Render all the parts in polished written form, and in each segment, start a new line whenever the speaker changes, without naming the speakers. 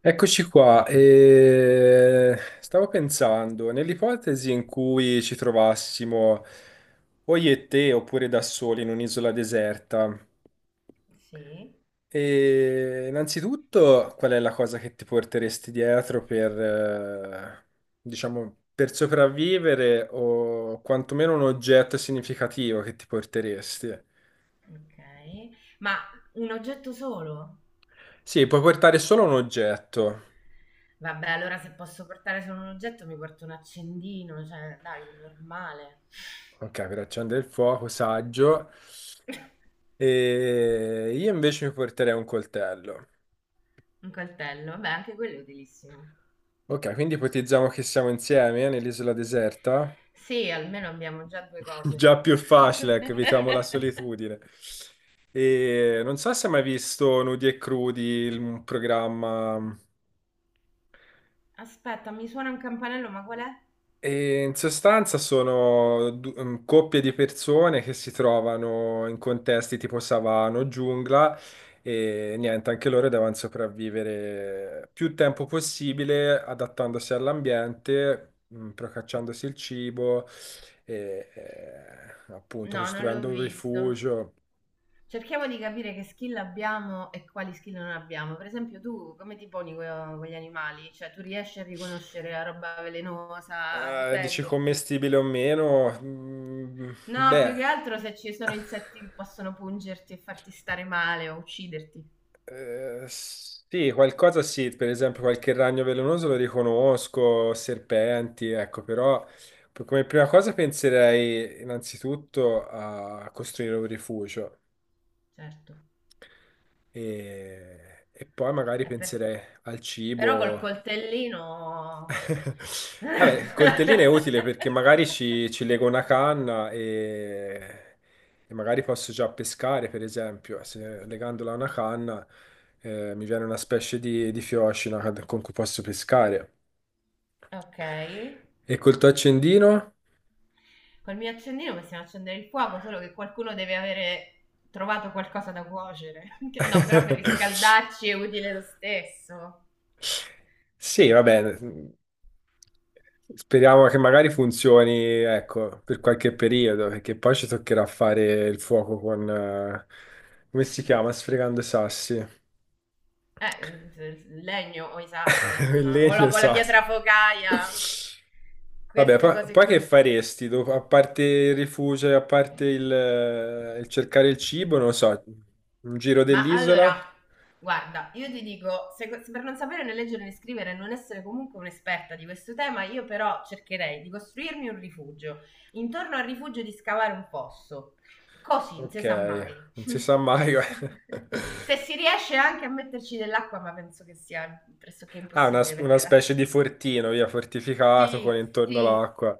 Eccoci qua, e stavo pensando, nell'ipotesi in cui ci trovassimo o io e te oppure da soli in un'isola deserta,
Sì,
e innanzitutto qual è la cosa che ti porteresti dietro per, diciamo, per sopravvivere o quantomeno un oggetto significativo che ti porteresti?
ok. Ma un oggetto solo?
Sì, puoi portare solo un oggetto,
Vabbè, allora se posso portare solo un oggetto mi porto un accendino, cioè, Davide, normale.
ok, per accendere il fuoco, saggio. E io invece mi porterei un coltello.
Un coltello, vabbè, anche quello è utilissimo.
Ok, quindi ipotizziamo che siamo insieme nell'isola deserta.
Sì, almeno abbiamo già due
Già
cose.
più facile, ecco, evitiamo la solitudine. E non so se hai mai visto Nudi e Crudi, un programma.
Aspetta, mi suona un campanello, ma qual è?
E in sostanza sono coppie di persone che si trovano in contesti tipo savana o giungla e niente, anche loro devono sopravvivere più tempo possibile adattandosi all'ambiente, procacciandosi il cibo e appunto
No, non l'ho
costruendo un
visto.
rifugio.
Cerchiamo di capire che skill abbiamo e quali skill non abbiamo. Per esempio, tu come ti poni con gli animali? Cioè, tu riesci a riconoscere la roba velenosa, a
Dici
difenderti?
commestibile o meno? Mm,
No, più
beh.
che altro se ci sono insetti che possono pungerti e farti stare male o ucciderti.
Sì, qualcosa sì, per esempio qualche ragno velenoso lo riconosco, serpenti, ecco, però come prima cosa penserei innanzitutto a costruire un rifugio
Certo.
e, poi magari
È per-
penserei al
Però col
cibo.
coltellino.
Vabbè, il coltellino è utile perché magari ci lego una canna e magari posso già pescare, per esempio. Se legandola a una canna, mi viene una specie di fiocina con cui posso pescare.
Ok.
E col tuo accendino?
Col mio accendino possiamo accendere il fuoco, solo che qualcuno deve avere trovato qualcosa da cuocere. No, però per riscaldarci è utile lo stesso.
Sì, va bene. Speriamo che magari funzioni, ecco, per qualche periodo, perché poi ci toccherà fare il fuoco con, come si chiama? Sfregando i sassi.
Il legno o i sassi,
Il
insomma, o
legno e
la,
i
o la
sassi.
pietra focaia,
Vabbè,
queste
poi,
cose
poi che
qui.
faresti? A parte il rifugio, e a parte il cercare il cibo, non lo so, un giro
Ma allora,
dell'isola?
guarda, io ti dico, se per non sapere né leggere né scrivere e non essere comunque un'esperta di questo tema, io però cercherei di costruirmi un rifugio. Intorno al rifugio di scavare un fosso. Così, non si
Ok,
sa mai.
non si sa mai.
Se si riesce anche a metterci dell'acqua, ma penso che sia pressoché
Ah,
impossibile
una
perché la.
specie di fortino, via, fortificato con
Sì,
intorno
sì,
l'acqua.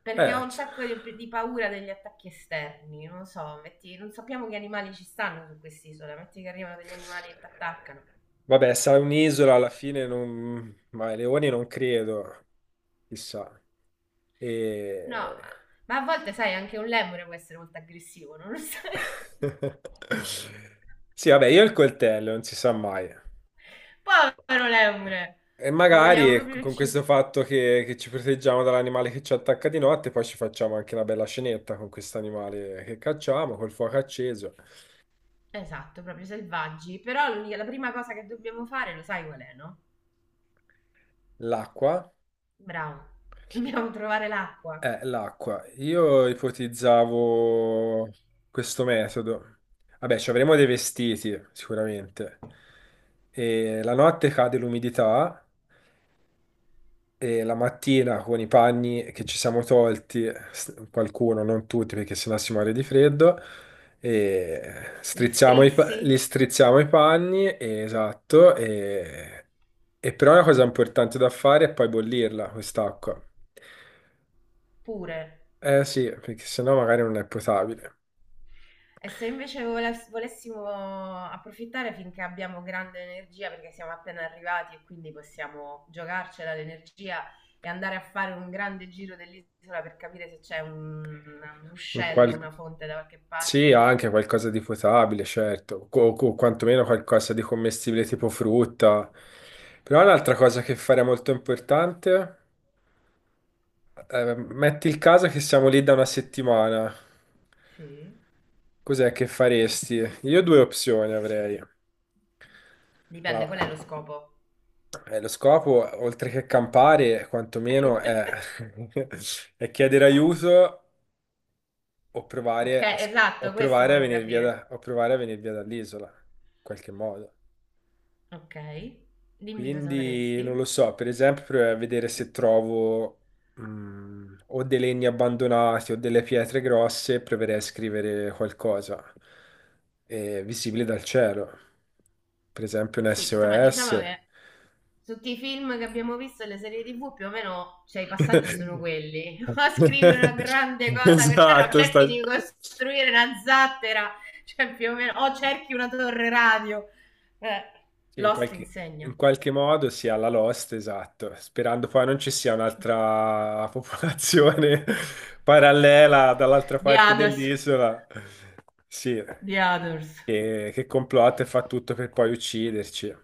perché ho
Eh,
un
c-
sacco di paura degli attacchi esterni, non lo so, non sappiamo che animali ci stanno su quest'isola, metti che arrivano degli animali e ti attaccano.
Vabbè, sarà un'isola alla fine, non... ma i leoni non credo, chissà.
No, ma,
E...
ma a volte sai, anche un lemure può essere molto aggressivo, non lo sai?
Sì, vabbè, io il coltello, non si sa mai.
Povero lemure!
E
Lo vogliamo
magari
proprio
con
uccidere.
questo fatto che ci proteggiamo dall'animale che ci attacca di notte, poi ci facciamo anche una bella scenetta con questo animale che cacciamo, col fuoco acceso,
Esatto, proprio selvaggi. Però la prima cosa che dobbiamo fare, lo sai qual è, no?
l'acqua.
Bravo. Dobbiamo trovare l'acqua.
L'acqua. Io ipotizzavo questo metodo. Vabbè, ci avremo dei vestiti, sicuramente. E la notte cade l'umidità e la mattina con i panni che ci siamo tolti, qualcuno, non tutti, perché sennò si muore di freddo, e
Li
strizziamo
strizzi
li strizziamo i panni, e- esatto, e però una cosa importante da fare è poi bollirla, quest'acqua.
pure.
Eh sì, perché sennò magari non è potabile.
E se invece volessimo approfittare finché abbiamo grande energia, perché siamo appena arrivati e quindi possiamo giocarcela l'energia e andare a fare un grande giro dell'isola per capire se c'è un
Un
ruscello,
qual-
una fonte da qualche
Sì,
parte?
anche qualcosa di potabile, certo, o quantomeno qualcosa di commestibile tipo frutta. Però un'altra cosa che fare è molto importante, metti il caso che siamo lì da una settimana,
Sì.
cos'è che faresti? Io due opzioni avrei.
Dipende, qual è
Allora,
lo scopo?
lo scopo, oltre che campare, quantomeno è, è chiedere aiuto o
Ok,
provare o
esatto, questo
provare a
volevo
venire
capire.
o provare a venire via dall'isola, in qualche modo.
Ok, dimmi cosa
Quindi non
faresti.
lo so, per esempio, provare a vedere se trovo o dei legni abbandonati o delle pietre grosse, proverei a scrivere qualcosa visibile dal cielo, per esempio un
Sì, insomma, diciamo
SOS.
che tutti i film che abbiamo visto e le serie TV, più o meno, cioè, i passaggi sono quelli. O scrivi una grande cosa per terra, o
Esatto,
cerchi
sta...
di costruire una zattera, cioè più o meno, o cerchi una torre radio, eh,
Sì,
Lost
in
insegna.
qualche modo sia la Lost, esatto, sperando poi non ci sia un'altra popolazione parallela dall'altra
The
parte
Others.
dell'isola, sì,
The Others.
che complotta e fa tutto per poi ucciderci.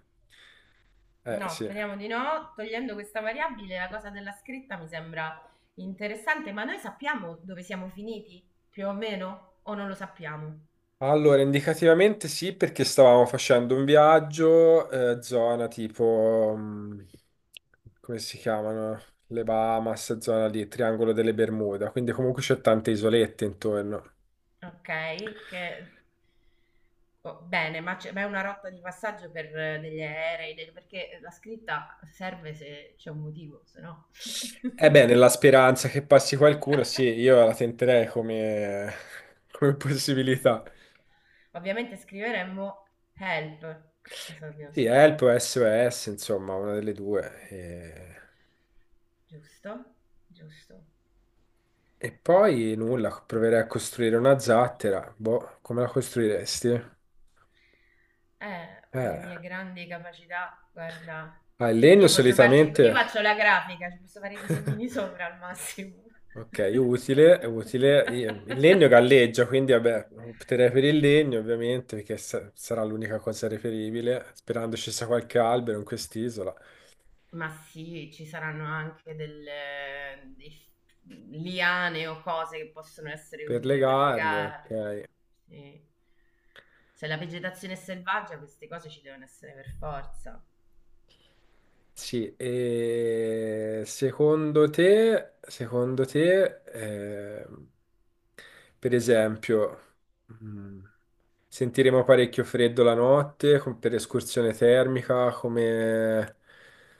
No,
Sì.
speriamo di no. Togliendo questa variabile, la cosa della scritta mi sembra interessante, ma noi sappiamo dove siamo finiti più o meno, o non lo sappiamo?
Allora, indicativamente sì, perché stavamo facendo un viaggio, zona tipo, come si chiamano? Le Bahamas, zona lì, Triangolo delle Bermuda, quindi comunque c'è tante isolette intorno.
Ok. che Oh, bene, ma è una rotta di passaggio per degli aerei, perché la scritta serve se c'è un motivo, se no.
Eh beh, nella speranza che passi qualcuno, sì, io la tenterei come, come possibilità.
Ovviamente scriveremmo help. Cosa dobbiamo
Sì, Help
scrivere?
o SOS, insomma, una delle due.
Giusto? Giusto.
E poi nulla, proverei a costruire una zattera. Boh, come la costruiresti?
Con le
Eh,
mie grandi capacità, guarda,
ah, il legno
io
solitamente...
faccio la grafica, ci posso fare i disegnini sopra al massimo.
Ok, utile, utile. Il legno galleggia, quindi vabbè, opterei per il legno ovviamente, perché sarà l'unica cosa reperibile, sperando ci sia qualche albero in quest'isola.
Ma sì, ci saranno anche delle dei f liane o cose che possono essere
Per
utili per
legarle,
legarle.
ok.
Sì. Se la vegetazione è selvaggia, queste cose ci devono essere per forza.
Sì, e secondo te, per esempio, mm, sentiremo parecchio freddo la notte per escursione termica, come,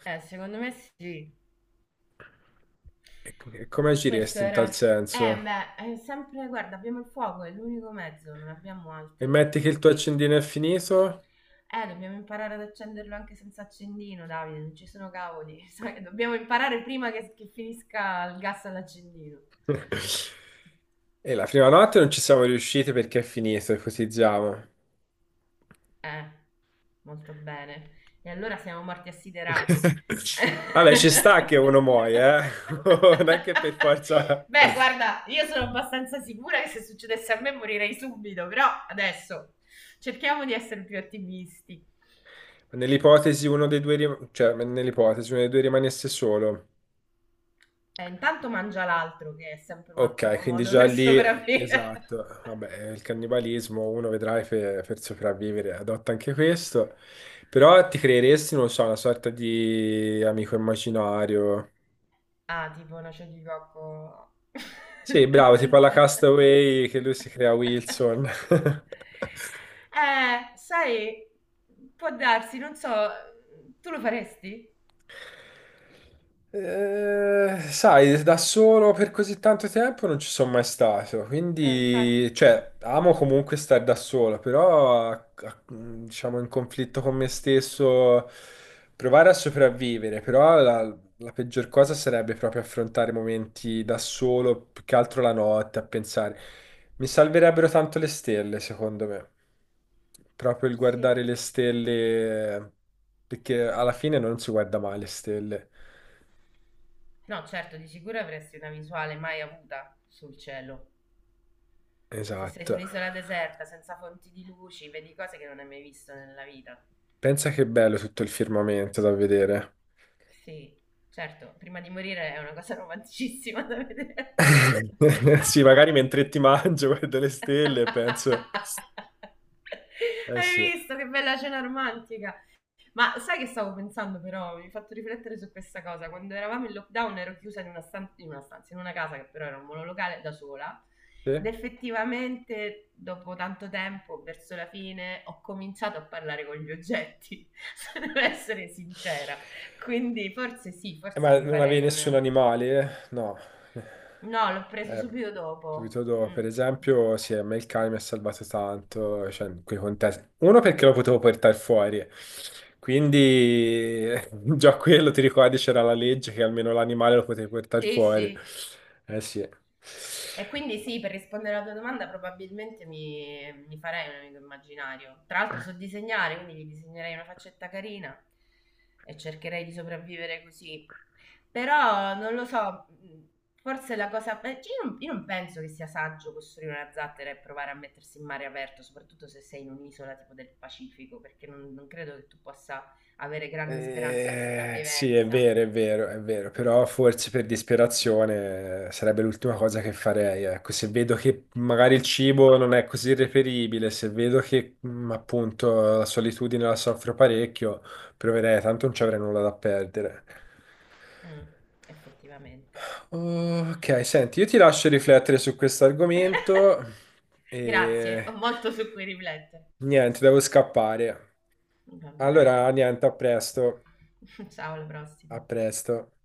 Secondo me sì.
e come
Questo
agiresti in
era.
tal senso?
Beh, è sempre. Guarda, abbiamo il fuoco, è l'unico mezzo, non abbiamo
E
altri
metti che il tuo
trucchi.
accendino è finito?
Dobbiamo imparare ad accenderlo anche senza accendino, Davide, non ci sono cavoli. Sai, dobbiamo imparare prima che finisca il gas all'accendino.
E la prima notte non ci siamo riusciti perché è finito, ipotizziamo.
Eh, molto bene. E allora siamo morti assiderati.
Vabbè, ci sta che uno muoia, eh? Non è che per forza...
Beh, guarda, io sono abbastanza sicura che se succedesse a me morirei subito, però adesso cerchiamo di essere più ottimisti.
Nell'ipotesi uno dei due, cioè nell'ipotesi uno dei due rimanesse solo.
Intanto mangia l'altro, che è sempre un
Ok,
ottimo
quindi
modo
già
per
lì,
sopravvivere.
esatto. Vabbè, il cannibalismo, uno vedrai per sopravvivere, adotta anche questo. Però ti creeresti, non lo so, una sorta di amico immaginario.
Ah, tipo noce di cocco.
Sì, bravo, tipo alla Castaway che lui si crea Wilson.
Eh, sai, può darsi, non so, tu lo faresti?
Sai, da solo per così tanto tempo non ci sono mai stato,
Infatti,
quindi, cioè, amo comunque stare da solo, però, diciamo, in conflitto con me stesso, provare a sopravvivere, però la peggior cosa sarebbe proprio affrontare momenti da solo, più che altro la notte, a pensare. Mi salverebbero tanto le stelle, secondo me. Proprio il
sì.
guardare le stelle, perché alla fine non si guarda mai le stelle.
No, certo, di sicuro avresti una visuale mai avuta sul cielo. Se sei su
Esatto.
un'isola deserta, senza fonti di luci, vedi cose che non hai mai visto nella vita.
Pensa che bello tutto il firmamento da vedere.
Sì, certo, prima di morire è una cosa romanticissima da vedere.
Sì, magari mentre ti mangio guardo le stelle e penso... Eh sì.
Hai visto che bella cena romantica? Ma sai che stavo pensando però, mi hai fatto riflettere su questa cosa, quando eravamo in lockdown ero chiusa in una stanza, in una casa che però era un monolocale da sola ed effettivamente dopo tanto tempo, verso la fine, ho cominciato a parlare con gli oggetti, se devo essere
Sì.
sincera, quindi forse sì, forse
Ma
mi
non avevi
farei
nessun
una.
animale? Eh? No.
No, l'ho preso
Eh,
subito dopo.
subito dopo, per
Mm.
esempio, sì, a me il cane mi ha salvato tanto, cioè, in quei contesti. Uno perché lo potevo portare fuori, quindi già quello, ti ricordi, c'era la legge che almeno l'animale lo potevi portare
Sì,
fuori.
sì.
Eh sì.
E quindi sì, per rispondere alla tua domanda probabilmente mi farei un amico immaginario. Tra l'altro so disegnare, quindi gli disegnerei una faccetta carina e cercherei di sopravvivere così. Però non lo so, forse la cosa, beh, cioè io non penso che sia saggio costruire una zattera e provare a mettersi in mare aperto, soprattutto se sei in un'isola tipo del Pacifico, perché non credo che tu possa avere grandi speranze di
Sì, è
sopravvivenza.
vero, è vero, è vero, però forse per disperazione sarebbe l'ultima cosa che farei. Ecco, se vedo che magari il cibo non è così reperibile, se vedo che appunto la solitudine la soffro parecchio, proverei, tanto non ci avrei nulla da perdere.
Mm, Effettivamente.
Ok, senti, io ti lascio riflettere su questo argomento
Grazie, ho
e
molto su cui riflettere.
niente, devo scappare.
Va bene.
Allora, niente, a presto,
Ciao, alla
a
prossima.
presto.